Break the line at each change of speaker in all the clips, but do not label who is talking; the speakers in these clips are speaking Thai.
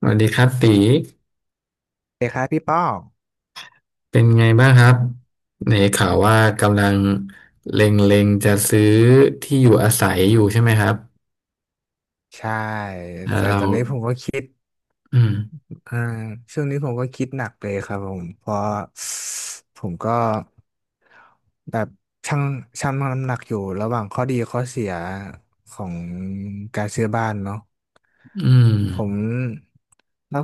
สวัสดีครับตี
เด็กครับพี่ป้อง
เป็นไงบ้างครับในข่าวว่ากำลังเล็งๆจะซื้อที่อยู่อาศัยอยู่ใช่ไหมครับ
ใช่
แล้ว
แต่
เรา
ตอนนี้ผมก็คิด
อืม
อ่าช่วงนี้ผมก็คิดหนักเลยครับผมเพราะผมก็แบบชั่งชั่งน้ำหนักอยู่ระหว่างข้อดีข้อเสียของการซื้อบ้านเนาะ
อืม
ผมแล้ว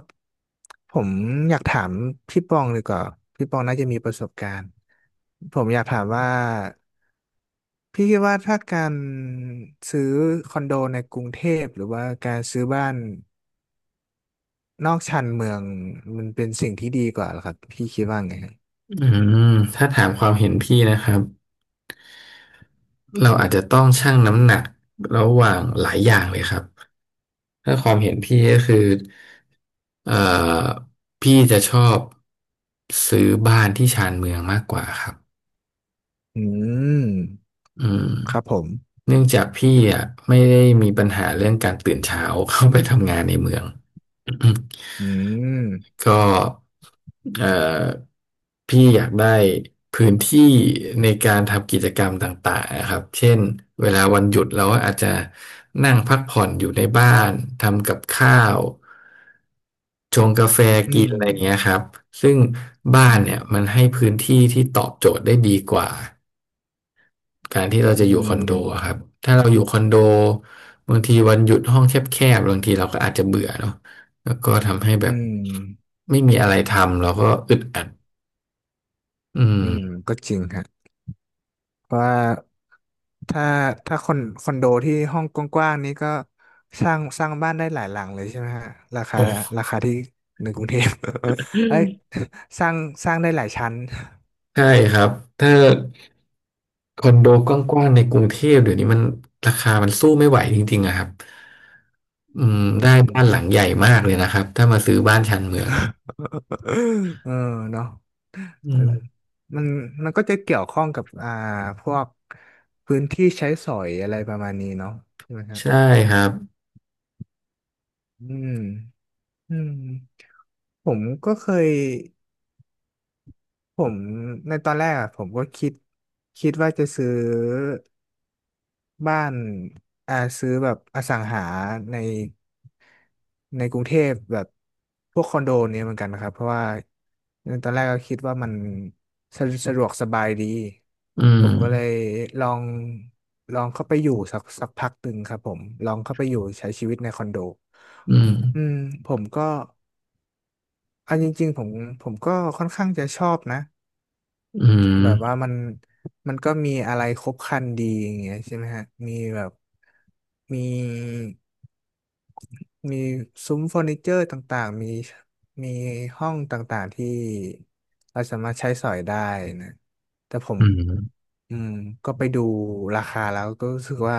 ผมอยากถามพี่ป้องดีกว่าพี่ป้องน่าจะมีประสบการณ์ผมอยากถามว่า พี่คิดว่าถ้าการซื้อคอนโดในกรุงเทพหรือว่าการซื้อบ้านนอกชานเมืองมันเป็นสิ่งที่ดีกว่าเหรอครับพี่คิดว่าไงฮะ
อืมถ้าถามความเห็นพี่นะครับเราอาจจะต้องชั่งน้ำหนักระหว่างหลายอย่างเลยครับถ้าความเห็นพี่ก็คือเอ่อพี่จะชอบซื้อบ้านที่ชานเมืองมากกว่าครับ
อืม
อืม
ครับผม
เนื่องจากพี่อ่ะไม่ได้มีปัญหาเรื่องการตื่นเช้า เข้าไปทำงานในเมือง
อืม
ก็เอ่อพี่อยากได้พื้นที่ในการทำกิจกรรมต่างๆนะครับเช่นเวลาวันหยุดเราก็อาจจะนั่งพักผ่อนอยู่ในบ้านทำกับข้าวชงกาแฟ
อื
กิน
ม
อะไรอย่างเงี้ยครับซึ่งบ้า
อื
น
ม
เนี่ยมันให้พื้นที่ที่ตอบโจทย์ได้ดีกว่า การที่เรา
อื
จะอยู่คอนโด
ม
อะครับ ถ้าเราอยู่คอนโดบางทีวันหยุดห้องแคบๆบางทีเราก็อาจจะเบื่อเนาะแล้วก็ทำให้
อื
แบบ
ม
ไม่มีอะไรทำเราก็อึดอัดอื
อืม
ม
ก็จริงฮะเพราะว่าถ้าถ้าคอนโดที่ห้องกว้างๆนี้ก็สร้างบ้านได้หลายหลังเลยใช่ไหมฮะราคา
โอ
รา
้
คาที่ในกรุงเทพ เอ้ยสร้างสร้างได้หลายชั้น
ใช่ครับ ถ้าคอนโดกว้างๆในกรุงเทพเดี๋ยวนี้มันราคามันสู้ไม่ไหวจริงๆอะครับอืม
อื
ได้บ้านหลัง
ม
ใหญ่มากเลยนะครับ ถ้ามาซื้อบ้านชานเมืองอะ
เออเนาะ
อื
เออ
ม
มันมันก็จะเกี่ยวข้องกับพวกพื้นที่ใช้สอยอะไรประมาณนี้เนาะใช่ไหมฮะ
ใช่ครับ
อืมอืมผมก็เคยผมในตอนแรกอะผมก็คิดว่าจะซื้อ บ้านซื้อแบบอสังหาในในกรุงเทพแบบพวกคอนโดเนี่ยเหมือนกันนะครับเพราะว่าตอนแรกก็คิดว่ามันสะดวกสบายดี
อื
ผม
ม
ก็เลยลองลองเข้าไปอยู่สักพักหนึ่งครับผมลองเข้าไปอยู่ใช้ชีวิตในคอนโด
อืม
อืมผมก็อันจริงๆผมก็ค่อนข้างจะชอบนะ
อืม
แบบว่ามัน ก็มีอะไรครบครันดีอย่างเงี้ยใช่ไหมฮะ มีแบบ มี มีซุ้มเฟอร์นิเจอร์ต่างๆมีห้องต่างๆที่ เราสามารถใช้สอยได้นะ แต่ผม
อืม
อืมก็ไปดูราคาแล้วก็รู้สึกว่า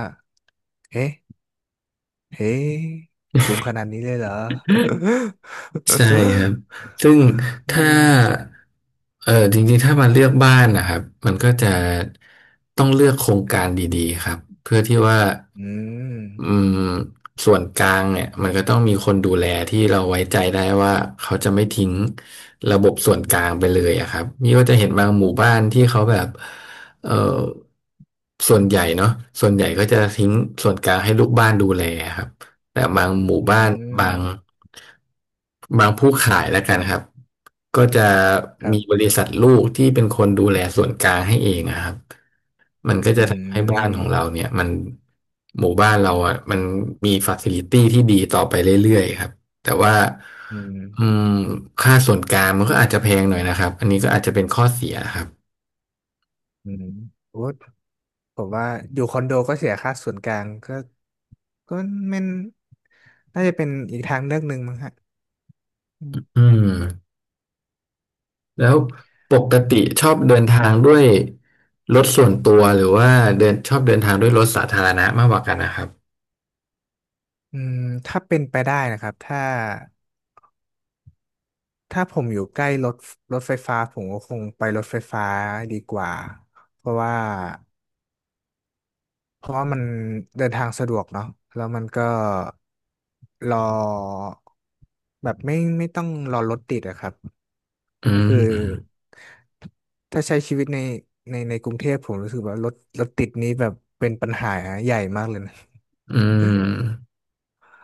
เอ๊ะเอ๊ะสูงขนาดนี้เลยเหรอ
ใช่ครับ ซึ่ง
อื
ถ้า
ม
เออจริงๆถ้ามาเลือกบ้านนะครับมันก็จะต้องเลือกโครงการดีๆครับ เพื่อที่ว่า
อื
อื
ม
มส่วนกลางเนี่ยมันก็ต้องมีคนดูแลที่เราไว้ใจได้ว่าเขาจะไม่ทิ้งระบบส่วนกลางไปเลยอะครับนี่ก็จะเห็นบางหมู่บ้านที่เขาแบบเออส่วนใหญ่เนาะส่วนใหญ่ก็จะทิ้งส่วนกลางให้ลูกบ้านดูแลครับ แต่บางหมู่
อื
บ้านบา
ม
งบางผู้ขายแล้วกันครับก็จะ
ครั
มีบ
บ
ริษัทลูกที่เป็นคนดูแลส่วนกลางให้เองอะครับมันก็
อื
จะทำให้บ้านของเรา
ม
เนี่ยมันหมู่บ้านเราอ่ะมันมีฟ a ซิลิตี้ที่ดีต่อไปเรื่อยๆครับแต่ว่า
อื
อื
ม
มค่าส่วนกลางมันก็อาจจะแพงหน่อยนะครับอันนี้ก็อาจจะเป็นข้อเสียครับ
อืมโอ้ผมว่าอยู่คอนโดก็เสียค่าส่วนกลางก็ก็ไม่น่าจะเป็นอีกทางเลือกหนึ่งมั้งฮะอืม
อืม แล้วปกติชอบเดินทางด้วยรถส่วนตัวหรือว่าเดินชอบเดินทางด้วยรถสาธารณะมากกว่ากันนะครับ
อืมถ้าเป็นไปได้นะครับถ้าผมอยู่ใกล้รถไฟฟ้าผมก็คงไปรถไฟฟ้าดีกว่าเพราะว่าเพราะว่ามันเดินทางสะดวกเนาะแล้วมันก็รอแบบไม่ต้องรอรถติดอะครับ
อื
ก็คือ
ม
ถ้าใช้ชีวิตในในกรุงเทพผมรู้สึกว่ารถติดนี้แบบเป็นปัญหาใหญ่มากเลยนะ
อืม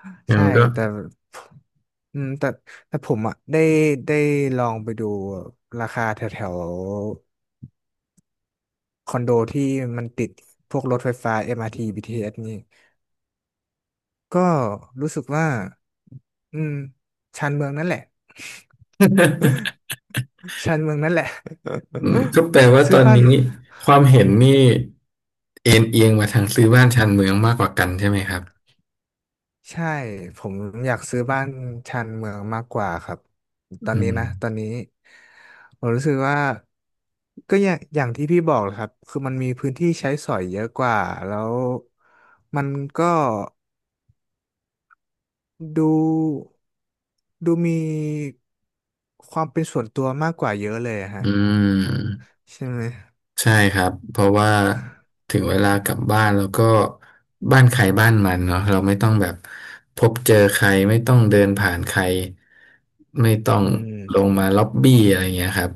งั้น
ใช่
ก็
แต่แต่ผมอ่ะได้ได้ลองไปดูราคาแถวแถวคอนโดที่มันติดพวกรถไฟฟ้า MRT BTS นี่ก็รู้สึกว่าอืมชานเมืองนั่นแหละ ชานเมืองนั่นแหละ
อืมก็แปลว่า
ซื้
ตอ
อ
น
บ้าน
นี้ความเห็นนี่เอ็นเอียงมาทางซื้อบ้านชานเมืองมากกว่ากันใช่ไหมครับ
ใช่ผมอยากซื้อบ้านชานเมืองมากกว่าครับตอน
อื
นี้นะตอ
ม
นนี้ผมรู้สึกว่าก็อย่างที่พี่บอกแหละครับคือมันมีพื้นที่ใช้สอยเยอะกว่าแล้วมันก็ดูดูมีความเป็นส่วนตัวมากกว่าเยอะเลยอะ
อื
ฮะ
ม
ใช่ไหม
ใช่ครับเพราะว่าถึงเวลากลับบ้านแล้วก็บ้านใครบ้านมันเนาะเราไม่ต้องแบบพบเจอใครไม่ต้องเดินผ่านใครไม่ต้อง
อืม
ลงมาล็อบบี้อะไรเงี้ยครับ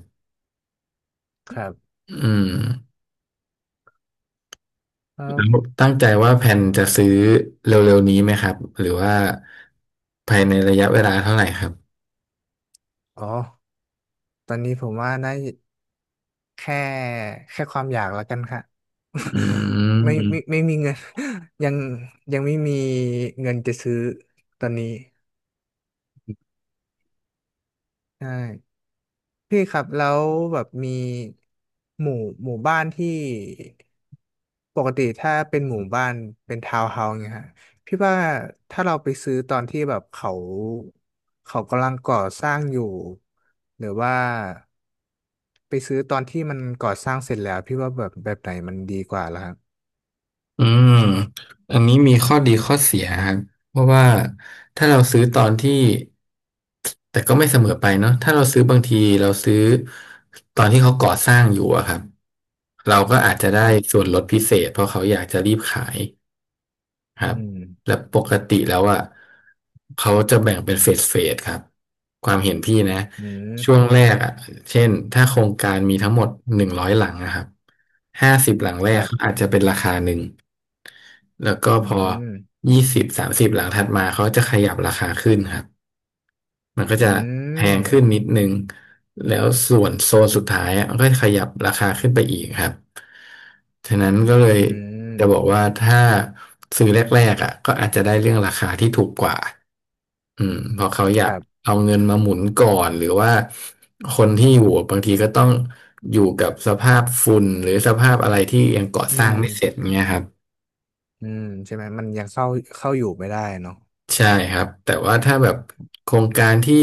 ครับ
อืม
แล้ว
แล้วตั้งใจว่าแผนจะซื้อเร็วๆนี้ไหมครับหรือว่าภายในระยะเวลาเท่าไหร่ครับ
อ๋อตอนนี้ผมว่านะ แค่แค่ความอยากแล้วกันค่ะ
อื ม
ไม่มีเงิน ยังยังไม่มีเงินจะซื้อตอนนี้ใช่พี่ครับแล้วแบบมีหมู่หมู่บ้านที่ปกติถ้าเป็นหมู่บ้านเป็นทาวน์เฮาส์เนี่ยฮะพี่ว่าถ้าเราไปซื้อตอนที่แบบเขากำลังก่อสร้างอยู่หรือว่าไปซื้อตอนที่มันก่อสร้างเสร็จแล้วพี่ว่าแบบไหนมันดีกว่าล่ะ
อืมอันนี้มีข้อดีข้อเสียครับเพราะว่าถ้าเราซื้อตอนที่แต่ก็ไม่เสมอไปเนาะถ้าเราซื้อบางทีเราซื้อตอนที่เขาก่อสร้างอยู่อะครับเราก็อาจจะได้
ครั
ส่ว
บ
นลดพิเศษเพราะเขาอยากจะรีบขาย ครั
อื
บและ
ม
ปกติแล้วอ่ะเขาจะแบ่งเป็นเฟสเฟสครับความเห็นพี่นะ
อื
ช่วง
ม
แรกอ่ะเช่นถ้าโครงการมีทั้งหมด100 หลังนะครับห้าสิบหลังแร
ค
ก
รั
เขาอาจ
บ
จะเป็นราคาหนึ่งแล้วก็
อื
พอ
ม
20 30 หลังถัดมาเขาจะขยับราคาขึ้นครับ มันก็
อื
จะแพงขึ้น
ม
นิดนึงแล้วส่วนโซนสุดท้ายอะมันก็ขยับราคาขึ้นไปอีกครับฉะนั้นก็เลย
อื
จะบอก
ม
ว่าถ้าซื้อแรกๆอ่ะก็อาจจะได้เรื่องราคาที่ถูกกว่าอืมเพราะเขาอ
ค
ยาก
รับ
เอาเงินมาหมุนก่อนหรือว่าคนที่อยู่บางทีก็ต้องอยู่กับสภาพฝุ่นหรือสภาพอะไรที่ยังก่อ
อื
สร้างไม่เสร็จ
ม
เงี้ยครับ
อืมใช่ไหม มันยังเข้าอยู่ไม่ได้เนาะ
ใช่ครับแต่ว่าถ้าแบบโครงการที่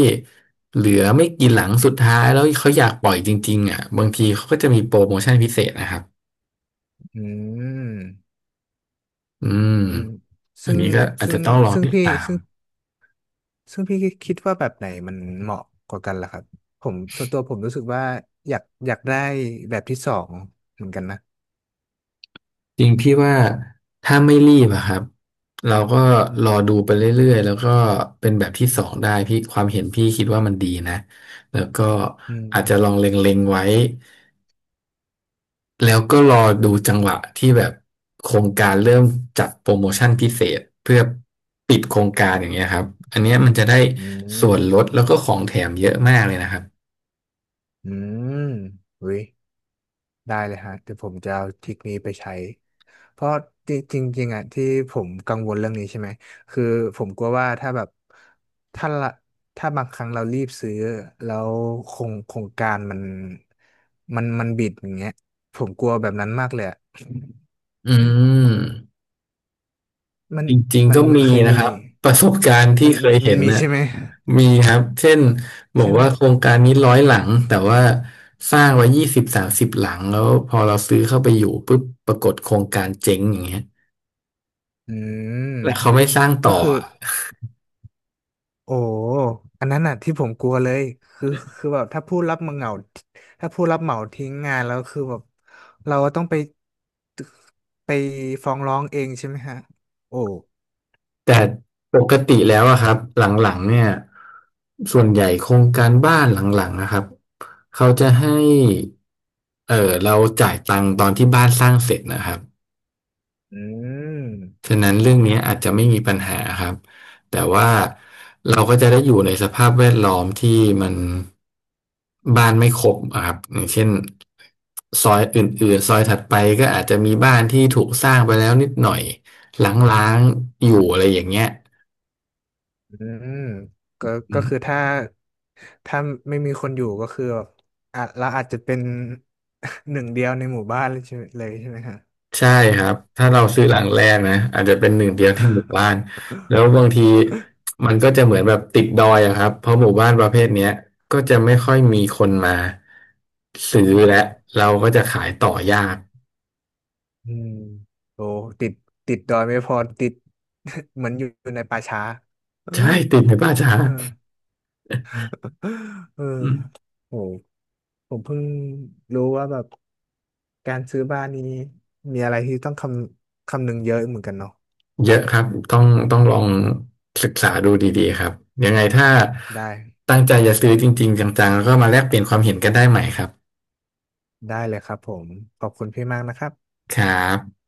เหลือไม่กี่หลังสุดท้ายแล้วเขาอยากปล่อยจริงๆอ่ะบางทีเขาก็จะมีโปรโมชั่นพิเศษนะครับ
อืม
อืม
อืม
อั
ซึ่
น
ง
นี้ก็อาจ
ซึ่ง
จะต้องรอ
ซึ่ง
ติดตาม
พี่คิดว่าแบบไหนมันเหมาะกว่ากันล่ะครับผมส่วนตัวผมรู้สึกว่าอยากได้แบบที่สองเหมือนกันนะ
จริงพี่ว่าถ้าไม่รีบอะครับเราก็รอดูไปเรื่อยๆแล้วก็เป็นแบบที่สองได้พี่ความเห็นพี่คิดว่ามันดีนะแล้วก็
อื
อาจจะลอง
ม
เล็งๆไว้ แล้วก็รอดูจังหวะที่แบบโครงการเริ่มจัดโปรโมชั่นพิเศษเพื่อปิดโครงการอย่างเงี้ยครับอันเนี้ยมันจะได้
อื
ส่วน
ม
ลดแล้วก็ของแถมเยอะมากเลยนะครับ
อืมอุ้ย ได้เลยฮะเดี๋ยวผมจะเอาทริคนี้ไปใช้เพราะจริงจริงๆอ่ะที่ผมกังวลเรื่องนี้ใช่ไหมคือผมกลัวว่าถ้าแบบถ้าละถ้าบางครั้งเรารีบซื้อแล้วโครงการมันมันบิดอย่างเงี้ยผมกลัวแบบนั้นมากเลยอะ
อืม
มัน
จริงๆก็
มัน
มี
เคย
นะ
มี
ครับประสบการณ์ที่
มัน
เคย
มั
เห็
น
น
มี
น่ะ
ใช่ไหม
มีครับเช่นบอ
ใช่
ก
ไหม
ว่าโครงการนี้ร้อยหลังแต่ว่าสร้างไว้ยี่สิบสามสิบหลังแล้วพอเราซื้อเข้าไปอยู่ปุ๊บปรากฏโครงการเจ๊งอย่างเงี้ย
อืม
แล้วเขาไม่สร้าง
ก็
ต่อ
คือ
อะ
โอ้ อันนั้นน่ะที่ผมกลัวเลยคือคือแบบถ้าผู้รับเหมาทิ้งงานแล้วคือแบบเราต้องไปฟ้องร้องเองใช่ไหมฮะ โอ้
แต่ปกติแล้วอะครับหลังๆเนี่ยส่วนใหญ่โครงการบ้านหลังๆนะครับเขาจะให้เออเราจ่ายตังค์ตอนที่บ้านสร้างเสร็จนะครับ
อืม
ฉะนั้นเรื่
อ๋
อ
อ
งนี้อาจจะไม่มีปัญหาครับแต่ว่าเราก็จะได้อยู่ในสภาพแวดล้อมที่มันบ้านไม่ครบอะครับอย่างเช่นซอยอื่นๆซอยถัดไปก็อาจจะมีบ้านที่ถูกสร้างไปแล้วนิดหน่อยล้างๆอยู่อะไรอย่างเงี้ย
อืมก็ก็คือ
อื
ถ้าไม่มีคนอยู่ก็คือแบบอ่ะเราอาจจะเป็น หนึ่งเดียวในหมู่บ้านเลยใช่ไหมฮะ
ใช่ครับถ้าเราซื้อหลังแรกนะอาจจะเป็นหนึ่งเดียวที่หมู่บ้านแล้วบางทีมันก็จะเหมือนแบบติดดอยอะครับเพราะหมู่บ้านประเภทเนี้ยก็จะไม่ค่อยมีคนมาซื้อ
อื
และ
ม
เราก็จะขายต่อยาก
อืมโอ้ติดติดดอยไม่พอติด เหมือนอยู่ในป่าช้า
ใช่ติดไหมป้าจ๊า
เออเออ
อืม
โหผมเพิ่งรู้ว่าแบบการซื้อบ้านนี้มีอะไรที่ต้องคำนึงเยอะเหมือนกันเนาะ
เยอะครับต้องต้องลองศึกษาดูดีๆครับยังไงถ้า
ได้
ตั้งใจจะซื้อจริงๆจังๆแล้วก็มาแลกเปลี่ยนความเห็นกันได้ใหม่ครับ
เลยครับผมขอบคุณพี่มากนะครับ
ครับ